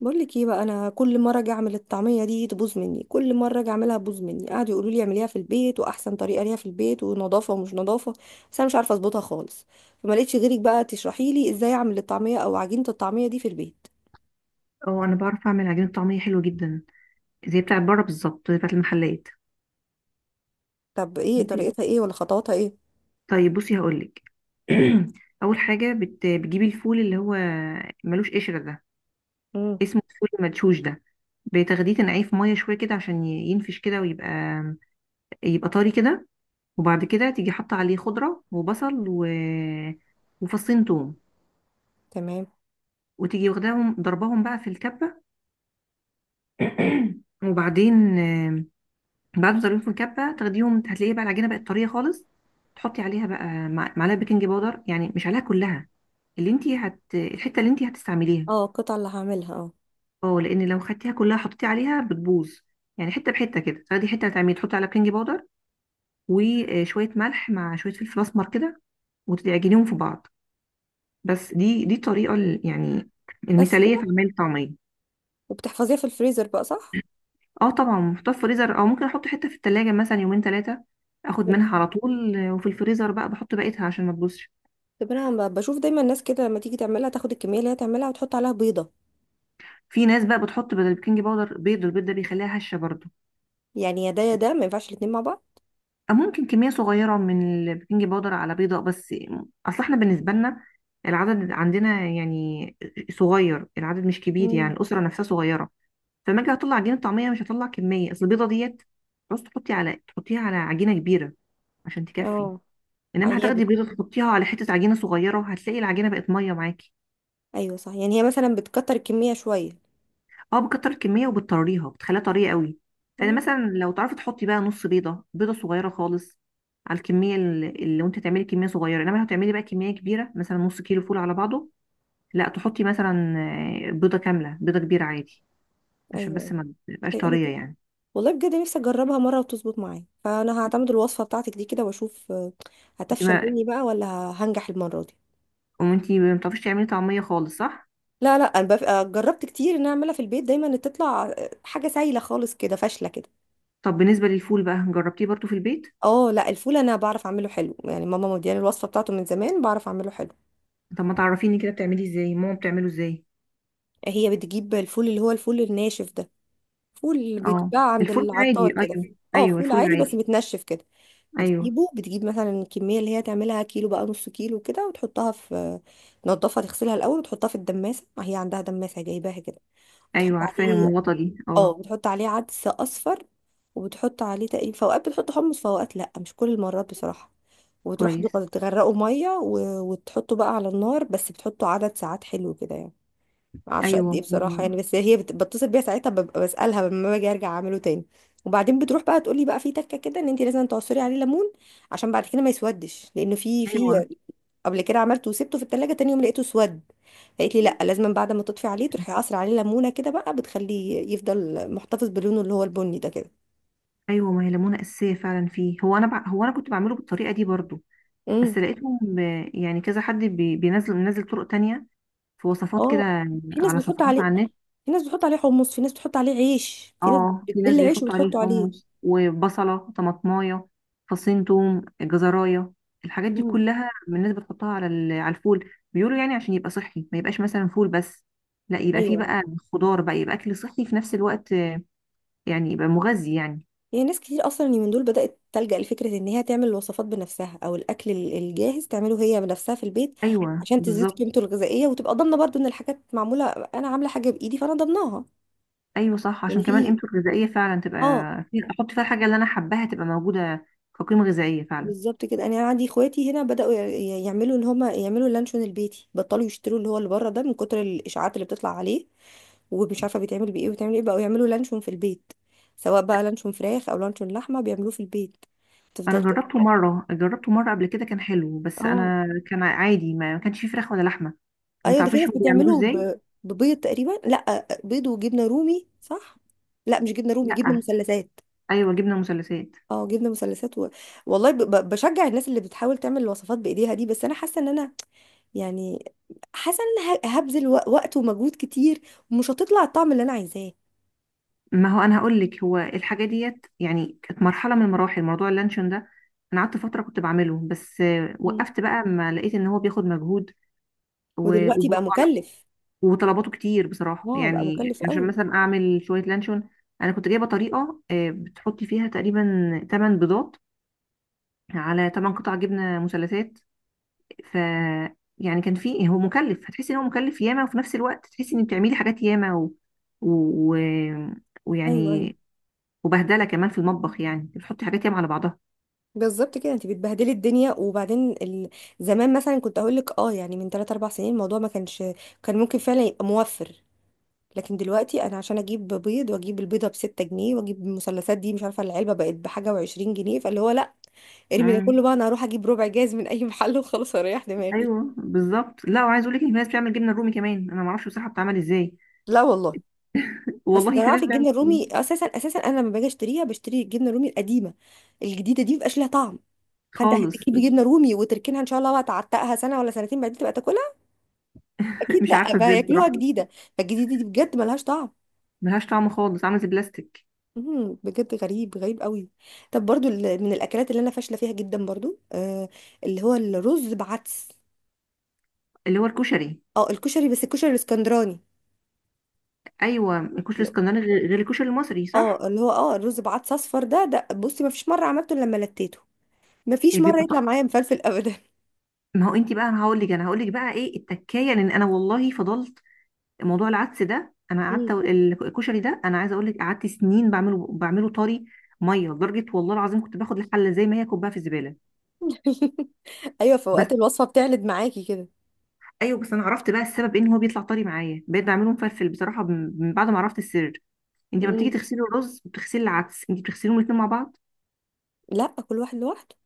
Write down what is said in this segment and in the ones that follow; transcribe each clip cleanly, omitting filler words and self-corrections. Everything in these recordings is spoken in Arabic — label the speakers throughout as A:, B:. A: بقول لك ايه بقى، انا كل مره اجي اعمل الطعميه دي تبوظ مني، كل مره اجي اعملها تبوظ مني. قعدوا يقولوا لي اعمليها في البيت، واحسن طريقه ليها في البيت، ونظافه ومش نظافه. بس انا مش عارفه اظبطها خالص. فما لقيتش غيرك بقى تشرحي لي ازاي اعمل الطعميه او عجينه الطعميه دي في البيت.
B: اه، انا بعرف اعمل عجينه طعميه حلوه جدا، زي بتاعت بره بالظبط، زي بتاعت المحلات.
A: طب ايه
B: بصي.
A: طريقتها، ايه ولا خطواتها ايه؟
B: طيب بصي هقولك. اول حاجه بتجيبي الفول اللي هو ملوش قشره ده،
A: امم.
B: اسمه الفول المدشوش ده. بتاخديه تنقعيه في ميه شويه كده عشان ينفش كده، ويبقى طري كده. وبعد كده تيجي حاطه عليه خضره وبصل وفصين توم،
A: تمام.
B: وتيجي واخداهم ضرباهم بقى في الكبه. وبعدين بعد ما تعمليهم في الكبه تاخديهم، هتلاقيه بقى العجينه بقت طريه خالص. تحطي عليها بقى معلقه بيكنج باودر، يعني مش عليها كلها، اللي انت الحته اللي انت هتستعمليها.
A: اه، القطعه اللي هعملها، اه.
B: اه، لان لو خدتيها كلها حطيتي عليها بتبوظ. يعني حته بحته كده، تاخدي حته هتعملي تحطي على بيكنج باودر وشويه ملح مع شويه فلفل اسمر كده، وتعجنيهم في بعض. بس دي الطريقه يعني
A: بس
B: المثاليه في
A: كده؟
B: عمل الطعميه.
A: وبتحفظيها في الفريزر بقى، صح؟
B: اه طبعا، محطوطه في الفريزر، او ممكن احط حته في التلاجة مثلا 2 3 ايام، اخد منها على طول، وفي الفريزر بقى بحط بقيتها عشان ما تبوظش.
A: طب انا بشوف دايما الناس كده لما تيجي تعملها تاخد الكميه اللي هي تعملها وتحط عليها بيضه.
B: في ناس بقى بتحط بدل البيكنج باودر بيض، والبيض ده بيخليها هشه برضو.
A: يعني يا ده يا ده، ما ينفعش الاتنين مع بعض.
B: أو ممكن كميه صغيره من البيكنج باودر على بيضه بس. اصل احنا بالنسبه لنا العدد عندنا يعني صغير، العدد مش كبير، يعني
A: مم.
B: الاسره نفسها صغيره. فلما اجي اطلع عجينه طعميه مش هطلع كميه، اصل البيضه ديت بس تحطيها على عجينه كبيره عشان تكفي.
A: اه. يعني
B: انما
A: هي،
B: هتاخدي بيضه تحطيها على حته عجينه صغيره، وهتلاقي العجينه بقت ميه معاكي.
A: ايوه صح، يعني هي مثلا بتكتر الكميه شويه.
B: اه، بكتر الكميه وبتطريها، بتخليها طريه قوي. فانا
A: اه.
B: مثلا لو تعرفي تحطي بقى نص بيضه، بيضه صغيره خالص، على الكميه اللي وانت تعملي كميه صغيره. انما لو هتعملي بقى كميه كبيره مثلا 1/2 كيلو فول على بعضه، لا تحطي مثلا بيضه كامله، بيضه كبيره عادي عشان
A: ايوه،
B: بس ما تبقاش
A: بتقلي
B: طريه
A: كده.
B: يعني.
A: والله بجد نفسي اجربها مره وتظبط معايا، فانا هعتمد الوصفه بتاعتك دي كده واشوف،
B: انت
A: هتفشل
B: ما
A: مني بقى ولا هنجح المره دي؟
B: وانت ما بتعرفيش تعملي طعميه خالص صح؟
A: لا لا، انا جربت كتير ان أنا اعملها في البيت، دايما تطلع حاجه سايله خالص كده فاشله كده.
B: طب بالنسبه للفول بقى، جربتيه برضو في البيت؟
A: اه لا، الفول انا بعرف اعمله حلو. يعني ماما مدياني الوصفه بتاعته من زمان، بعرف اعمله حلو.
B: طب ما تعرفيني كده بتعمليه ازاي؟ ماما بتعمله ازاي؟
A: هي بتجيب الفول اللي هو الفول الناشف ده. فول
B: اه
A: بيتباع عند
B: الفول
A: العطار
B: العادي،
A: كده.
B: ايوه
A: اه،
B: ايوه
A: فول
B: الفول
A: عادي بس
B: العادي.
A: متنشف كده.
B: ايوه،
A: بتجيبه، بتجيب مثلا الكمية اللي هي تعملها كيلو بقى، نص كيلو كده، وتحطها في، تنضفها تغسلها الأول وتحطها في الدماسة، هي عندها دماسة جايباها كده. وتحط
B: ايوه عارفه
A: عليه،
B: المغطى دي،
A: اه،
B: اه.
A: وتحط عليه عدس أصفر. وبتحط عليه تقريبا، في أوقات بتحط حمص في أوقات لأ، مش كل المرات بصراحة. وتروح
B: كويس.
A: تغرقه مية وتحطه بقى على النار. بس بتحطه عدد ساعات حلو كده يعني، ما اعرفش قد ايه
B: ايوه.
A: بصراحه. يعني بس هي بتصل بيها ساعتها، ببقى بسالها لما باجي ارجع اعمله تاني. وبعدين بتروح بقى تقول لي بقى في تكه كده، ان انت لازم تعصري عليه ليمون عشان بعد كده ما يسودش، لانه في
B: ايوه
A: في قبل كده عملته وسبته في التلاجة، تاني يوم لقيته اسود. فقالت لي لا، لازم بعد ما تطفي عليه تروحي قاصره عليه ليمونه كده بقى، بتخليه يفضل محتفظ بلونه اللي هو البني ده كده.
B: ايوه، ما هي ليمونه اساسيه فعلا فيه. هو انا هو انا كنت بعمله بالطريقه دي برضو،
A: امم.
B: بس لقيتهم يعني كذا حد بينزل منزل طرق تانية، في وصفات كده
A: اه، في ناس
B: على
A: بتحط
B: صفحات
A: عليه،
B: على النت.
A: في ناس بتحط عليه حمص، في ناس بتحط عليه عيش، في ناس
B: اه، في ناس
A: بتبل عيش
B: بيحطوا عليه
A: وبتحطه عليه.
B: حمص وبصله طماطمايه فصين توم جزرايه، الحاجات دي
A: امم.
B: كلها من الناس بتحطها على الفول، بيقولوا يعني عشان يبقى صحي، ما يبقاش مثلا فول بس، لا يبقى فيه
A: ايوه.
B: بقى خضار بقى، يبقى اكل صحي في نفس الوقت، يعني يبقى مغذي يعني.
A: يعني ناس كتير اصلا اليومين دول بدأت تلجأ لفكرة ان هي تعمل الوصفات بنفسها، او الاكل الجاهز تعمله هي بنفسها في البيت،
B: ايوه
A: عشان تزيد
B: بالظبط.
A: قيمته الغذائية وتبقى ضامنة برضو ان الحاجات معمولة، انا عاملة حاجة بايدي فانا ضامناها.
B: ايوه صح،
A: يعني
B: عشان كمان
A: في،
B: قيمته الغذائيه فعلا تبقى
A: اه،
B: احط فيها الحاجه اللي انا حباها تبقى موجوده كقيمه غذائيه فعلا.
A: بالظبط كده. انا عندي اخواتي هنا بدأوا يعملوا ان هما يعملوا اللانشون البيتي، بطلوا يشتروا اللي هو اللي بره ده من كتر الاشاعات اللي بتطلع عليه، ومش عارفة بيتعمل بايه وبيتعمل ايه، بقوا يعملوا لانشون في البيت، سواء بقى لانشون فراخ او لانشون لحمة بيعملوه في البيت.
B: انا
A: تفضل.
B: جربته مره، جربته مره قبل كده كان حلو، بس
A: اه
B: انا كان عادي ما كانش فيه فراخ ولا لحمه. ما
A: ايوه، ده في
B: تعرفيش
A: ناس
B: هو بيعملوه
A: بتعمله
B: ازاي؟
A: ببيض تقريبا، لا بيض وجبنه رومي، صح؟ لا مش جبنه رومي، جبنه
B: لا.
A: مثلثات.
B: ايوه جبنه مثلثات.
A: اه جبنه مثلثات والله بشجع الناس اللي بتحاول تعمل الوصفات بايديها دي. بس انا حاسه ان انا، يعني، حاسه ان انا هبذل وقت ومجهود كتير، ومش هتطلع الطعم اللي انا عايزاه.
B: ما هو انا هقول لك، هو الحاجه ديت يعني كانت مرحله من المراحل، موضوع اللانشون ده انا قعدت فتره كنت بعمله، بس
A: مم.
B: وقفت بقى، ما لقيت ان هو بياخد مجهود
A: ودلوقتي بقى
B: وبرضه
A: مكلف.
B: وطلباته كتير بصراحة،
A: اه بقى
B: يعني
A: مكلف
B: عشان
A: قوي.
B: مثلا أعمل شوية لانشون، أنا كنت جايبة طريقة بتحطي فيها تقريبا 8 بيضات على 8 قطع جبنة مثلثات. ف يعني كان في، هو مكلف، هتحسي إن هو مكلف ياما، وفي نفس الوقت تحسي إن بتعملي حاجات ياما و... و...
A: ايوه ايوه،
B: ويعني وبهدلة كمان في المطبخ، يعني بتحطي حاجات ياما على بعضها.
A: بالظبط كده، انت بتبهدلي الدنيا، وبعدين زمان مثلا كنت اقول لك اه، يعني، من 3 4 سنين الموضوع ما كانش، كان ممكن فعلا يبقى موفر. لكن دلوقتي انا عشان اجيب بيض، واجيب البيضه بستة جنيه، واجيب المثلثات دي، مش عارفه العلبه بقت بحاجه وعشرين جنيه، فاللي هو لا، ارمي ده
B: مم.
A: كله بقى، انا هروح اجيب ربع جاز من اي محل وخلاص اريح دماغي.
B: ايوه بالظبط، لا وعايز اقول لك ان في ناس بتعمل جبنه رومي كمان، انا ما اعرفش بصراحه بتعمل ازاي.
A: لا والله. بس ده
B: والله
A: انا
B: في ناس
A: عارفه
B: بتعمل
A: الجبنه الرومي اساسا اساسا، انا لما باجي اشتريها بشتري الجبنه الرومي القديمه، الجديده دي مبقاش ليها طعم. فانت
B: خالص.
A: هتجيبي جبنه رومي وتركنها ان شاء الله بقى، تعتقها سنه ولا سنتين بعدين تبقى تاكلها، اكيد
B: مش
A: لا،
B: عارفه
A: بقى
B: ازاي
A: ياكلوها
B: بصراحه.
A: جديده. فالجديده دي بجد ملهاش طعم.
B: ملهاش طعم خالص، عامل زي البلاستيك.
A: مم، بجد غريب غريب قوي. طب برضو من الاكلات اللي انا فاشله فيها جدا برضو، آه، اللي هو الرز بعدس.
B: اللي هو الكشري.
A: اه الكشري، بس الكشري الاسكندراني.
B: ايوه الكشري
A: لا.
B: الاسكندراني، غير غير الكشري المصري صح؟
A: اه اللي هو اه الرز بعدس اصفر ده ده بصي، ما فيش مره عملته إلا لما لتيته، ما فيش
B: إيه
A: مره
B: بيبقى
A: يطلع
B: طعم.
A: معايا مفلفل ابدا.
B: ما هو انت بقى، انا هقول لك بقى ايه التكايه. لان انا والله فضلت موضوع العدس ده، انا قعدت
A: مم.
B: الكشري ده انا عايزه اقول لك قعدت سنين بعمله طري ميه لدرجه، والله العظيم كنت باخد الحله زي ما هي كوبها في الزباله.
A: ايوه، في
B: بس.
A: اوقات الوصفه بتعلد معاكي كده.
B: ايوه بس انا عرفت بقى السبب، ان هو بيطلع طري معايا بقيت بعمله مفلفل بصراحه، من بعد ما عرفت السر. انت ما بتيجي
A: مم.
B: تغسلي الرز بتغسلي العدس، انت بتغسليهم الاثنين مع بعض.
A: لا، كل واحد لوحده.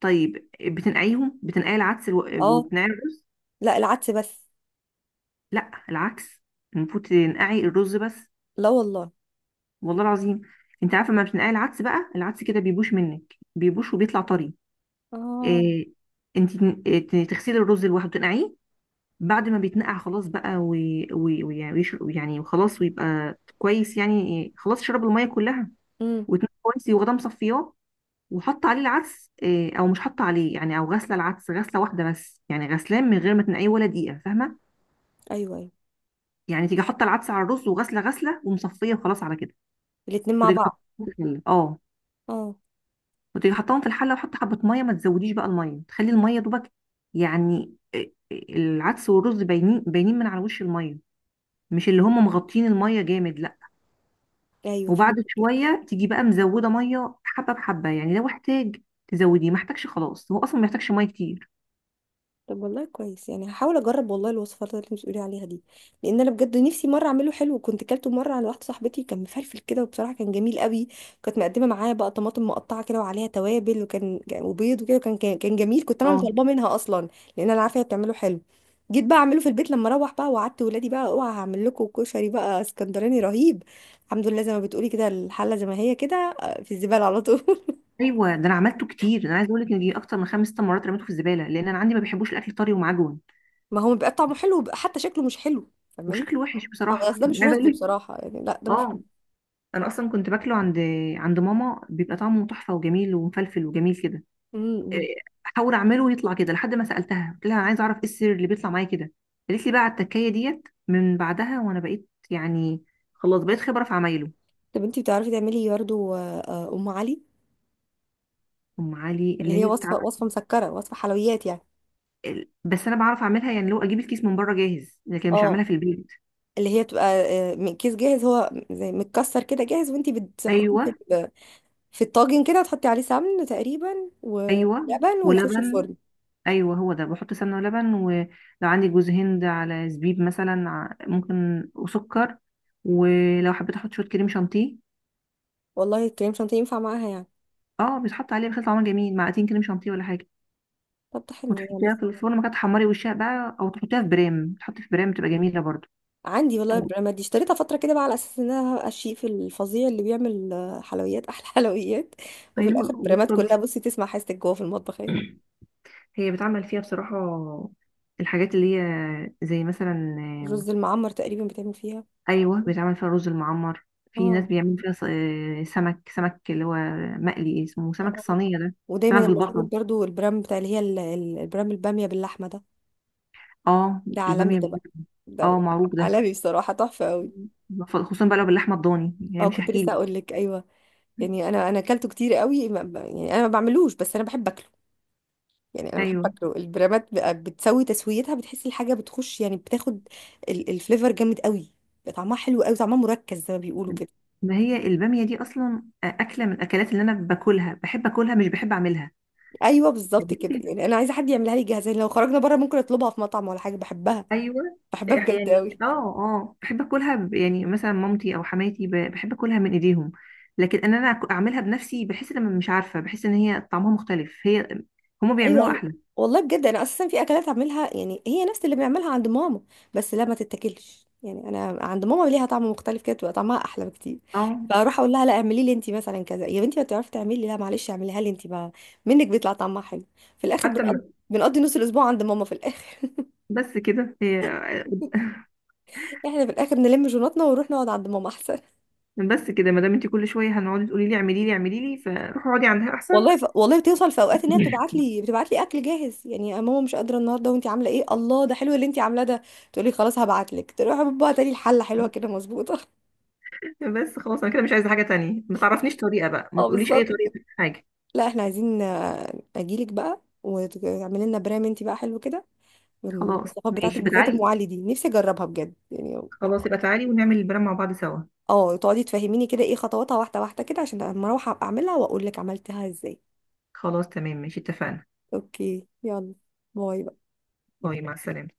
B: طيب بتنقعيهم، بتنقعي العدس
A: اه.
B: وبتنقعي الرز.
A: لا العدس بس.
B: لا العكس، المفروض تنقعي الرز بس.
A: لا والله.
B: والله العظيم. انت عارفه، ما بتنقعي العدس بقى، العدس كده بيبوش منك، بيبوش وبيطلع طري.
A: اه.
B: إيه. انت تغسلي الرز لوحده تنقعيه، بعد ما بيتنقع خلاص بقى ويعني يعني وخلاص، ويبقى كويس يعني، خلاص شرب الميه كلها
A: امم.
B: وتنقع كويس، وغدا مصفياه، وحط عليه العدس، او مش حط عليه يعني، او غسله العدس غسله واحده بس، يعني غسلان من غير ما تنقعيه ولا دقيقه، فاهمه؟
A: ايوه ايوه،
B: يعني تيجي حاطه العدس على الرز، وغسله غسله ومصفيه، وخلاص على كده.
A: الاتنين مع
B: وتيجي
A: بعض.
B: حاطاهم في الحله اه.
A: اه.
B: وتيجي حطاهم في الحله، وحط حبه ميه، ما تزوديش بقى الميه، تخلي الميه دوبك، يعني العدس والرز باينين باينين من على وش الميه، مش اللي هم مغطين الميه جامد لا.
A: ايوه
B: وبعد
A: فهمت.
B: شويه تيجي بقى مزوده ميه حبه بحبه، يعني لو احتاج تزوديه، ما احتاجش خلاص، هو اصلا ما يحتاجش ميه كتير.
A: طب والله كويس، يعني هحاول اجرب والله الوصفات اللي انت بتقولي عليها دي. لان انا بجد نفسي مره اعمله حلو. كنت كلته مره عند واحده صاحبتي كان مفلفل كده، وبصراحه كان جميل قوي. كانت مقدمه معاه بقى طماطم مقطعه كده وعليها توابل، وكان وبيض وكده، وكان كان كان جميل. كنت انا اللي
B: اه.
A: طالباه منها اصلا، لان انا عارفه هي بتعمله حلو. جيت بقى اعمله في البيت لما اروح بقى، وقعدت ولادي بقى اوعى، هعمل لكم كشري بقى اسكندراني رهيب. الحمد لله، زي ما بتقولي كده، الحله زي ما هي كده، في الزباله على طول.
B: ايوه، ده انا عملته كتير، انا عايزه اقول لك ان دي اكتر من 5 6 مرات رميته في الزباله، لان انا عندي ما بيحبوش الاكل طري ومعجون.
A: ما هو بيبقى طعمه حلو وبيبقى حتى شكله مش حلو، فاهماني.
B: وشكله وحش
A: اه
B: بصراحه،
A: بس ده
B: يعني
A: مش
B: عايزه
A: رز
B: اقول.
A: بصراحة، يعني لا ده مش.
B: اه انا اصلا كنت باكله عند ماما، بيبقى طعمه تحفه وجميل ومفلفل وجميل كده.
A: امم.
B: إيه، احاول اعمله ويطلع كده لحد ما سالتها، قلت لها انا عايزه اعرف ايه السر اللي بيطلع معايا كده. قالت لي بقى على التكايه ديت. من بعدها وانا بقيت يعني خلاص، بقيت خبره في عمايله.
A: طب انتي بتعرفي تعملي برضه، ام علي،
B: ام علي
A: اللي
B: اللي
A: هي
B: هي بتاع
A: وصفة وصفة مسكرة وصفة حلويات يعني.
B: بس انا بعرف اعملها، يعني لو اجيب الكيس من بره جاهز، لكن مش
A: اه
B: اعملها في البيت.
A: اللي هي بتبقى، من كيس جاهز، هو زي متكسر كده جاهز، وانتي بتحطيه في
B: ايوه
A: في الطاجن كده، وتحطي عليه سمن تقريبا
B: ايوه
A: ولبن ويخش
B: ولبن.
A: الفرن.
B: ايوه هو ده، بحط سمنه ولبن، ولو عندي جوز هند على زبيب مثلا ممكن وسكر. ولو حبيت احط شويه كريم شانتيه.
A: والله الكريم شانتيه ينفع معاها يعني؟
B: اه، بيتحط عليه بيخلي طعمها جميل، معلقتين كريم شانتيه ولا حاجه.
A: طب ده حلو يعني.
B: وتحطيها في الفرن ما كانت تحمري وشها بقى، او تحطيها في برام، تحطي في برام بتبقى جميله برضو.
A: عندي والله
B: طب.
A: البراند دي اشتريتها فترة كده بقى على أساس إن أنا هبقى الشيف الفظيع اللي بيعمل حلويات أحلى حلويات. وفي
B: ايوه
A: الآخر البرامات كلها
B: وبطلتي.
A: بصي، تسمع حاجتك جوه في المطبخ اهي.
B: هي بتعمل فيها بصراحه الحاجات اللي هي زي مثلا.
A: الرز المعمر تقريبا بتعمل فيها.
B: ايوه بيتعمل فيها رز المعمر. في ناس
A: اه
B: بيعملوا فيها سمك اللي هو مقلي، اسمه
A: اه.
B: سمك
A: آه.
B: الصينيه ده.
A: ودايما
B: سمك
A: المشهور
B: بالبصل.
A: برضو البرام بتاع اللي هي البرام البامية باللحمة ده.
B: اه
A: ده عالمي
B: الباميه.
A: ده بقى،
B: اه
A: ده
B: معروف ده.
A: عالمي بصراحة تحفة قوي.
B: خصوصا بقى لو باللحمه الضاني، يعني
A: اه
B: مش
A: كنت
B: هحكي
A: لسه أقول
B: لك.
A: لك أيوه. يعني أنا أكلته كتير قوي، يعني أنا ما بعملوش بس أنا بحب أكله. يعني انا بحب
B: ايوه
A: اكله، البرامات بقى بتسوي تسويتها، بتحس الحاجه بتخش، يعني بتاخد الفليفر جامد قوي، بقى طعمها حلو قوي، طعمها مركز زي ما بيقولوا كده.
B: ما هي الباميه دي اصلا اكله من الاكلات اللي انا باكلها، بحب اكلها مش بحب اعملها.
A: ايوه بالظبط كده، يعني انا عايزه حد يعملها لي جاهزه، يعني لو خرجنا بره ممكن اطلبها في مطعم ولا حاجه، بحبها،
B: ايوه.
A: بحبها بجد
B: يعني
A: قوي.
B: بحب اكلها يعني مثلا مامتي او حماتي بحب اكلها من ايديهم. لكن ان انا اعملها بنفسي، بحس ان أنا مش عارفه، بحس ان هي طعمها مختلف، هما
A: ايوه
B: بيعملوها
A: ايوه.
B: احلى.
A: والله بجد انا اساسا في اكلات اعملها يعني هي نفس اللي بنعملها عند ماما، بس لا ما تتاكلش. يعني انا عند ماما ليها طعم مختلف كده، تبقى طعمها احلى بكتير.
B: اه
A: فاروح اقول لها لا، اعملي لي انت مثلا كذا يا بنتي، ما بتعرفي تعملي، لا معلش اعمليها لي انت بقى، منك بيطلع طعمها حلو. في الاخر
B: حتى
A: بنقضي
B: م-
A: بنقضي نص الاسبوع عند ماما في الاخر.
B: بس كده هي.
A: احنا في الاخر نلم جوناتنا ونروح نقعد عند ماما احسن.
B: بس كده، ما دام انت كل شويه هنقعدي تقولي لي اعملي لي اعملي لي، فروحي اقعدي عندها احسن.
A: والله والله بتوصل في اوقات ان هي بتبعت لي بتبعت لي اكل جاهز. يعني يا ماما مش قادره النهارده، وانت عامله ايه؟ الله ده حلو اللي انت عاملاه ده. تقولي خلاص هبعت لك، تروح بابا تاني الحله حلوه كده مظبوطه.
B: بس خلاص، انا كده مش عايزه حاجه تانية، ما تعرفنيش طريقه بقى، ما
A: اه
B: تقوليش اي
A: بالظبط
B: طريقه
A: كده.
B: في حاجه.
A: لا احنا عايزين، اجيلك بقى وتعملي لنا برام انت بقى حلو كده،
B: خلاص
A: والوصفات بتاعتك
B: ماشي،
A: بالذات ام
B: بتعالي.
A: علي دي نفسي اجربها بجد يعني.
B: خلاص يبقى تعالي ونعمل البلان مع بعض سوا.
A: اه تقعدي تفهميني كده ايه خطواتها واحده واحده كده، عشان لما اروح أبقى اعملها واقول لك عملتها ازاي.
B: خلاص تمام ماشي، اتفقنا.
A: اوكي يلا، باي.
B: باي، مع السلامة.